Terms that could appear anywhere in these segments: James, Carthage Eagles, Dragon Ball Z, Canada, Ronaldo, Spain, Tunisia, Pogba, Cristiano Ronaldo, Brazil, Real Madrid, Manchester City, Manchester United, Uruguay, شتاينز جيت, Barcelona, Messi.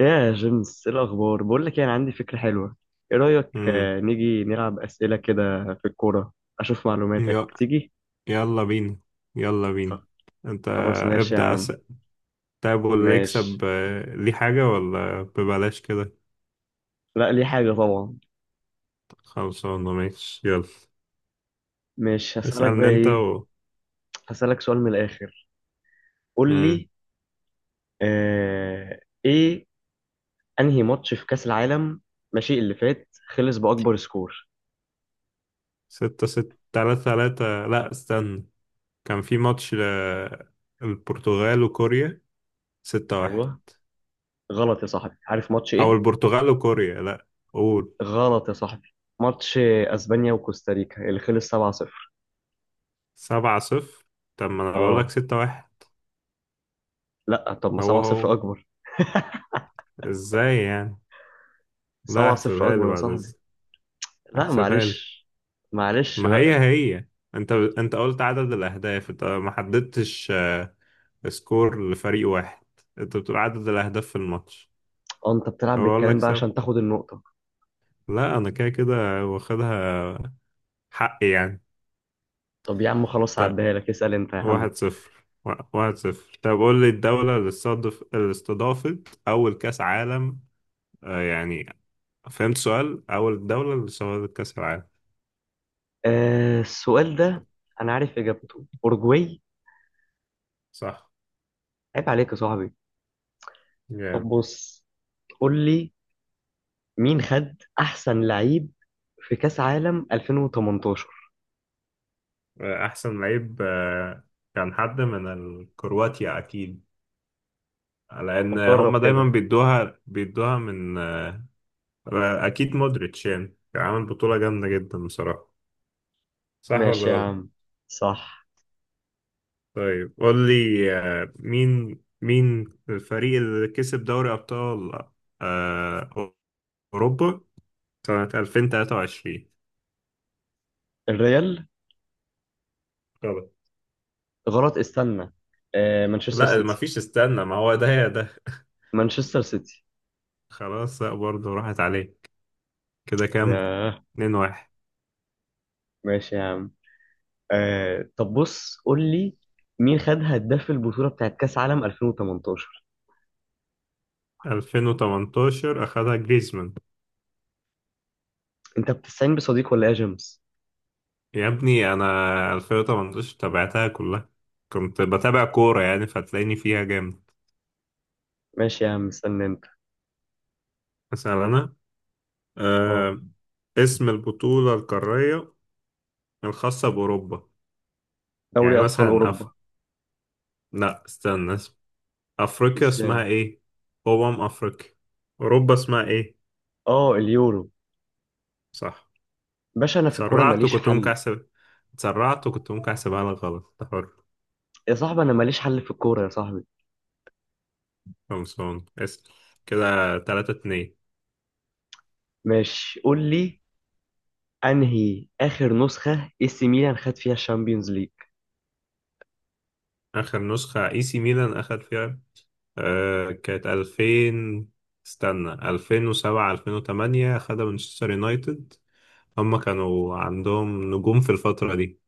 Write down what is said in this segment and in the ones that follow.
يا جيمس ايه الاخبار؟ بقول لك يعني عندي فكره حلوه. ايه رايك امم نيجي نلعب اسئله كده في الكوره. اشوف معلوماتك ي- تيجي. يلا بينا، يلا بينا. خ- انت، خلاص ماشي يا ابدأ عم. اسأل. طيب، واللي يكسب ماشي. ليه حاجة ولا ببلاش كده؟ لا ليه حاجه طبعا. خلصانة، ماشي يلا. ماشي، هسالك بقى اسألني انت ايه. و... هسالك سؤال من الاخر، قول امم لي. آه ايه؟ انهي ماتش في كاس العالم ماشي اللي فات خلص باكبر سكور؟ ستة ستة، تلاتة تلاتة، لا استنى. كان في ماتش. البرتغال وكوريا، 6-1. ايوه. غلط يا صاحبي، عارف ماتش او ايه؟ البرتغال وكوريا، لا. قول. غلط يا صاحبي. ماتش اسبانيا وكوستاريكا اللي خلص 7-0. 7-0؟ طب ما انا بقولك اه، 6-1. لا طب ما هو 7 0 هو، اكبر. ازاي يعني؟ لا 7 0 احسبها لي اكبر يا بعد صاحبي. اذنك. لا احسبها لي. معلش، معلش ما بقى. هي هي. انت قلت عدد الاهداف، انت ما حددتش سكور لفريق واحد. انت بتقول عدد الاهداف في الماتش. اه، انت بتلعب بقول بالكلام لك بقى سب عشان تاخد النقطة. لا، انا كده كده واخدها، حقي يعني. طب يا عم خلاص طب هعديها لك، اسأل انت يا عم. 1-0 ، 1-0. طب قول لي الدولة اللي استضف اللي استضافت أول كأس عالم. يعني، فهمت سؤال، أول دولة اللي استضافت كأس العالم. آه السؤال ده انا عارف اجابته، اورجواي. صح، عيب عليك يا صاحبي. طب جامد. بص قول لي، مين خد احسن لعيب في كاس عالم 2018؟ أحسن لعيب، كان حد من الكرواتيا أكيد، لان طب هم جرب دايما كده. بيدوها بيدوها من. اكيد مودريتش، يعني عامل بطولة جامدة جدا بصراحة. صح ولا ماشي يا غلط؟ عم. صح. طيب قول لي مين الفريق اللي كسب دوري ابطال آه، اوروبا سنة 2023. الريال. غلط. غلط، استنى. آه مانشستر لا ما سيتي. فيش، استنى، ما هو ده يا ده. مانشستر سيتي. خلاص لا، برضه راحت عليك. كده كام؟ ياه. 2-1. ماشي يا عم. آه طب بص قول لي، مين خد هداف البطولة بتاعت كأس عالم 2018؟ 2018 اخدها جريزمان. انت بتستعين بصديق ولا ايه يا جيمس؟ يا ابني انا، 2018 تابعتها كلها، كنت بتابع كورة يعني فتلاقيني فيها جامد. ماشي يا عم استنى انت. مثلا انا اه. آه اسم البطولة القارية الخاصة بأوروبا. دوري يعني ابطال مثلا اوروبا. لا استنى اسم. أفريقيا اسمها ازاي؟ ايه؟ أمم أفريقيا. أوروبا اسمها ايه؟ اه اليورو. صح. باشا انا في الكورة تسرعت ماليش وكنت ممكن حل. أحسب. تسرعت وكنت ممكن أحسبها لك غلط، ده حر. يا صاحبي انا ماليش حل في الكورة يا صاحبي. خلصان، اسأل. كده 3-2. ماشي قول لي، انهي اخر نسخة اي سي ميلان خد فيها الشامبيونز ليج؟ آخر نسخة اي سي ميلان أخد فيها، كانت 2000. استنى، 2007 2008 خدها مانشستر يونايتد. هم كانوا عندهم نجوم في الفترة دي.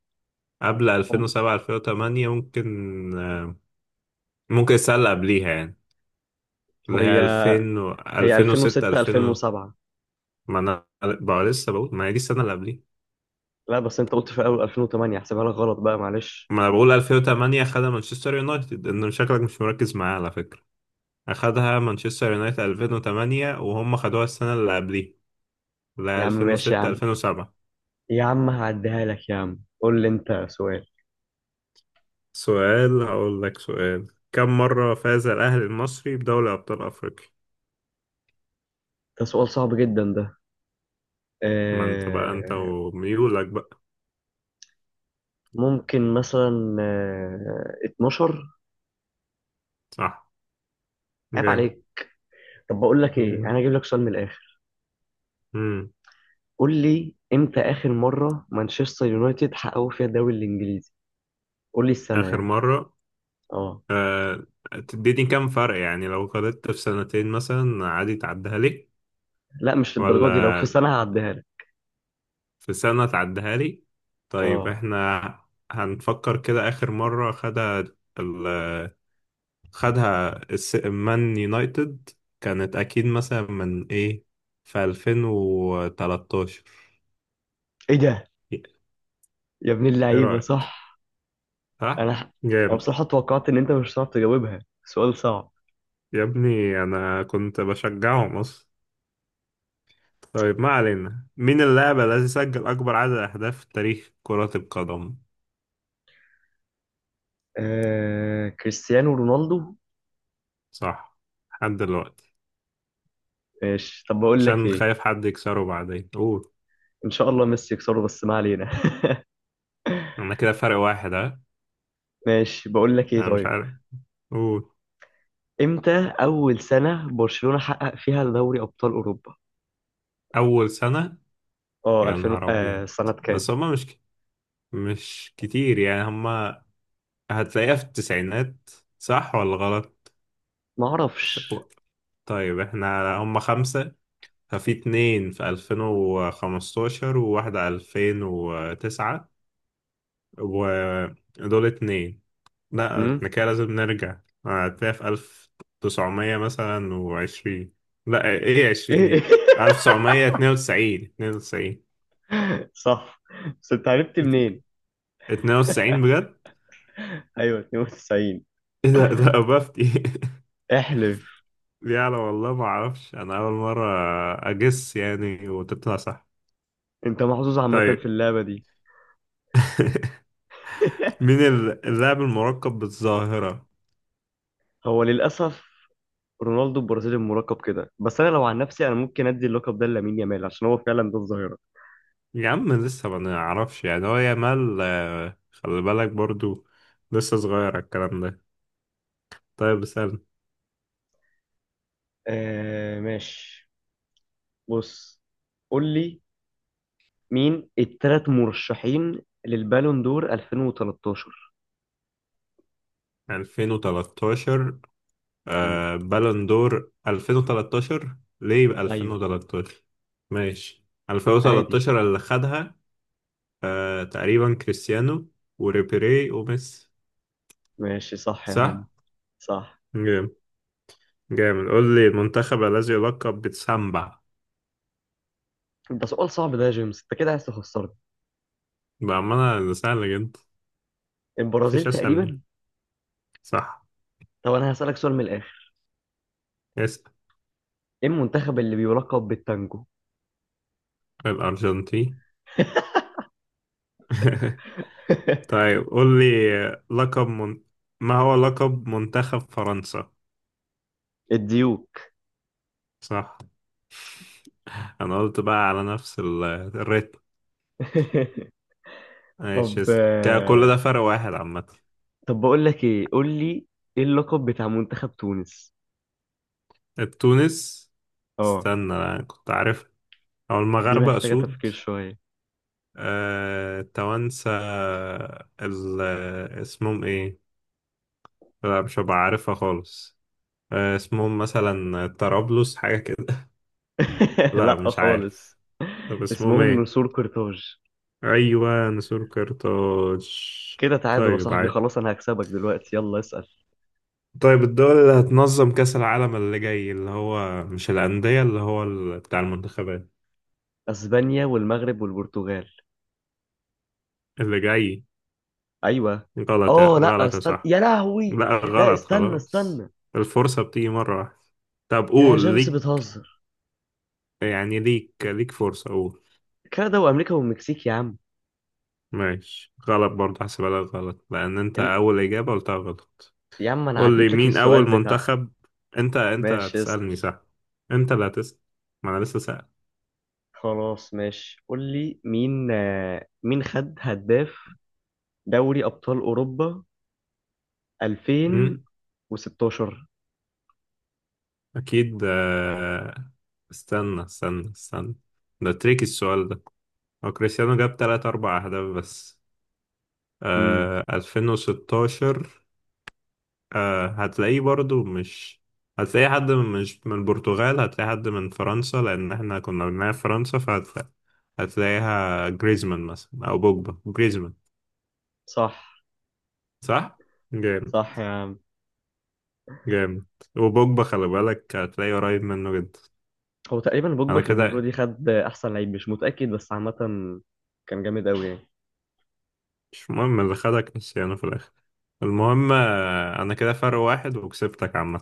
قبل هم- 2007 2008، ممكن، ممكن السنة اللي قبليها يعني، اللي هي هي 2000 و... هي 2006، 2006 2000. 2007. ما انا بقى لسه بقول ما هي دي السنة اللي قبليها. لا بس انت قلت في اول 2008، احسبها لك غلط بقى معلش. ما انا بقول 2008 خدها مانشستر يونايتد، ان شكلك مش مركز معايا على فكرة. اخدها مانشستر يونايتد 2008، وهم خدوها السنة اللي قبليها، يا لا عم ماشي يا 2006 عم، 2007. يا عم هعديها لك يا عم، قول لي انت سؤال. سؤال، هقول لك سؤال. كم مرة فاز الأهلي المصري بدوري أبطال أفريقيا؟ ده سؤال صعب جدا ده. ما أنت بقى أنت آه وميولك بقى. ممكن مثلا 12. صح، عيب جامد. عليك. طب بقول لك ايه، جامد. انا هجيب لك سؤال من الاخر. مم. قول لي امتى اخر مره مانشستر يونايتد حققوا فيها الدوري الانجليزي، قول لي السنه آخر يعني. مرة اه. آه... تديني كم فرق يعني؟ لو غلطت في سنتين مثلا عادي تعديها لي؟ لا مش للدرجه دي، ولا لو في سنه هعديها لك. في سنة تعديها لي؟ طيب، اه. احنا هنفكر كده. آخر مرة خدها ال- خدها مان يونايتد. كانت أكيد مثلا من إيه، في 2013. ايه ده؟ إيه يا ابن اللعيبه رأيك؟ صح. انا صح؟ ح- انا جامد. بصراحه توقعت ان انت مش هتعرف تجاوبها، سؤال صعب. يا ابني أنا كنت بشجعهم أصلا. طيب ما علينا، مين اللاعب الذي سجل أكبر عدد أهداف في تاريخ كرة القدم؟ آه كريستيانو رونالدو. صح، لحد دلوقتي. ماشي طب بقول لك عشان ايه. خايف حد يكسره بعدين، قول. ان شاء الله ميسي يكسره بس ما علينا. أنا كده فرق واحد أه. ماشي بقول لك ايه أنا مش طيب. عارف، قول. امتى اول سنة برشلونة حقق فيها دوري ابطال اوروبا؟ أول سنة. اه يا 2000، نهار آه أبيض. سنة كام؟ بس هما مش كتير يعني هم. هتلاقيها في التسعينات، صح ولا غلط؟ ما ف- اعرفش. طيب احنا هم خمسة. ففي اتنين في 2015 وواحدة 2009، ودول اتنين. لا امم. احنا كده لازم نرجع. هتلاقيها في 1900 مثلا وعشرين. لا، ايه عشرين ايه إيه؟ دي؟ 1992، 92، صح. بس انت عرفت منين؟ 92 بجد. ايوه 92. ايه ده أبافتي احلف. دي أنا والله ما أعرفش، أنا أول مرة أجس يعني وتطلع صح. انت محظوظ عامة في طيب اللعبة دي. مين اللاعب المركب بالظاهرة؟ هو للاسف رونالدو البرازيلي المراقب كده، بس انا لو عن نفسي انا ممكن ادي اللقب ده لامين يامال عشان هو فعلا ده الظاهرة. يا عم لسه ما نعرفش يعني، هو يامال خلي بالك برضو لسه صغير على الكلام ده. طيب سنة آه ماشي، بص قول لي، مين التلات مرشحين للبالون دور 2013؟ 2013، مم. بالون دور 2013. ليه يبقى ايوه. 2013؟ ماشي. عادي. 2013 اللي خدها تقريبا كريستيانو وريبيري وميسي. ماشي صح يا عم. صح؟ صح. جامد. جامد. قول لي المنتخب الذي يلقب بتسامبا. ده سؤال صعب ده يا جيمس، انت كده عايز تخسرني. بأمانة ده سهل جدا. البرازيل مفيش أسهل من. تقريبا. صح، طب انا هسألك سؤال من الاخر. اسأل. ايه المنتخب اللي بيلقب بالتانجو؟ الأرجنتين طيب قول لي، لقب. ما هو لقب منتخب فرنسا؟ الديوك. صح. أنا قلت بقى على نفس الريتم. ماشي، طب اسأل. كده كل ده فرق واحد عامة. طب بقول لك ايه، قول لي، ايه اللقب بتاع منتخب تونس؟ التونس. اه. استنى أنا كنت عارف. أو دي المغاربة محتاجة أسود. تفكير شوية. التوانسة ال... اسمهم إيه؟ لا مش هبقى عارفها خالص. اسمهم مثلا طرابلس حاجة كده لا لا مش خالص. عارف. طب اسمهم اسمهم ايه؟ نسور قرطاج. ايوه نسور قرطاج. كده تعادل يا طيب، صاحبي، عادي. خلاص انا هكسبك دلوقتي يلا اسأل. طيب الدول اللي هتنظم كأس العالم اللي جاي، اللي هو مش الأندية، اللي هو بتاع المنتخبات. اسبانيا والمغرب والبرتغال. اللي جاي. ايوه. غلط، اه لا غلط يا استنى صح. يا لهوي. لا لا غلط، استنى خلاص. استنى. الفرصة بتيجي مرة واحدة. طب يا قول جيمس ليك. بتهزر؟ يعني ليك فرصة، قول. كندا وامريكا والمكسيك يا عم. ماشي، غلط برضه هحسبها لك غلط، لأن أنت ال... أول إجابة قلتها غلط. يا عم انا قول لي عديت لك مين السؤال أول بتاع. منتخب. أنت ماشي اسأل. هتسألني، صح. أنت اللي هتسأل. ما أنا لسه سأل. خلاص ماشي قول لي، مين مين خد هداف دوري ابطال اوروبا أمم، 2016؟ أكيد، استنى استنى استنى. ده تريكي السؤال ده. هو كريستيانو جاب تلات أربع أهداف بس. امم. 2016. هتلاقيه برضو مش، هتلاقي حد من، مش من البرتغال، هتلاقي حد من فرنسا، لأن احنا كنا بنلعب فرنسا فهتلاقي. هتلاقيها جريزمان مثلا، أو بوجبا جريزمان. صح. صح؟ جامد. صح يا عم. جامد. وبوجبا خلي بالك هتلاقيه قريب منه جدا. هو تقريبا بوجبا انا في البطولة كده. دي خد أحسن لعيب مش متأكد بس عامة، كان جامد أوي يعني. مش مهم اللي خدك نسيانه في الاخر. المهم انا كده فرق واحد وكسبتك عامة.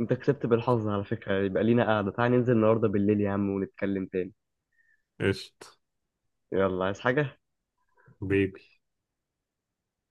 أنت كسبت بالحظ على فكرة، يبقى لينا قعدة، تعالى ننزل النهاردة بالليل يا عم ونتكلم تاني. قشط. يلا عايز حاجة؟ بيبي.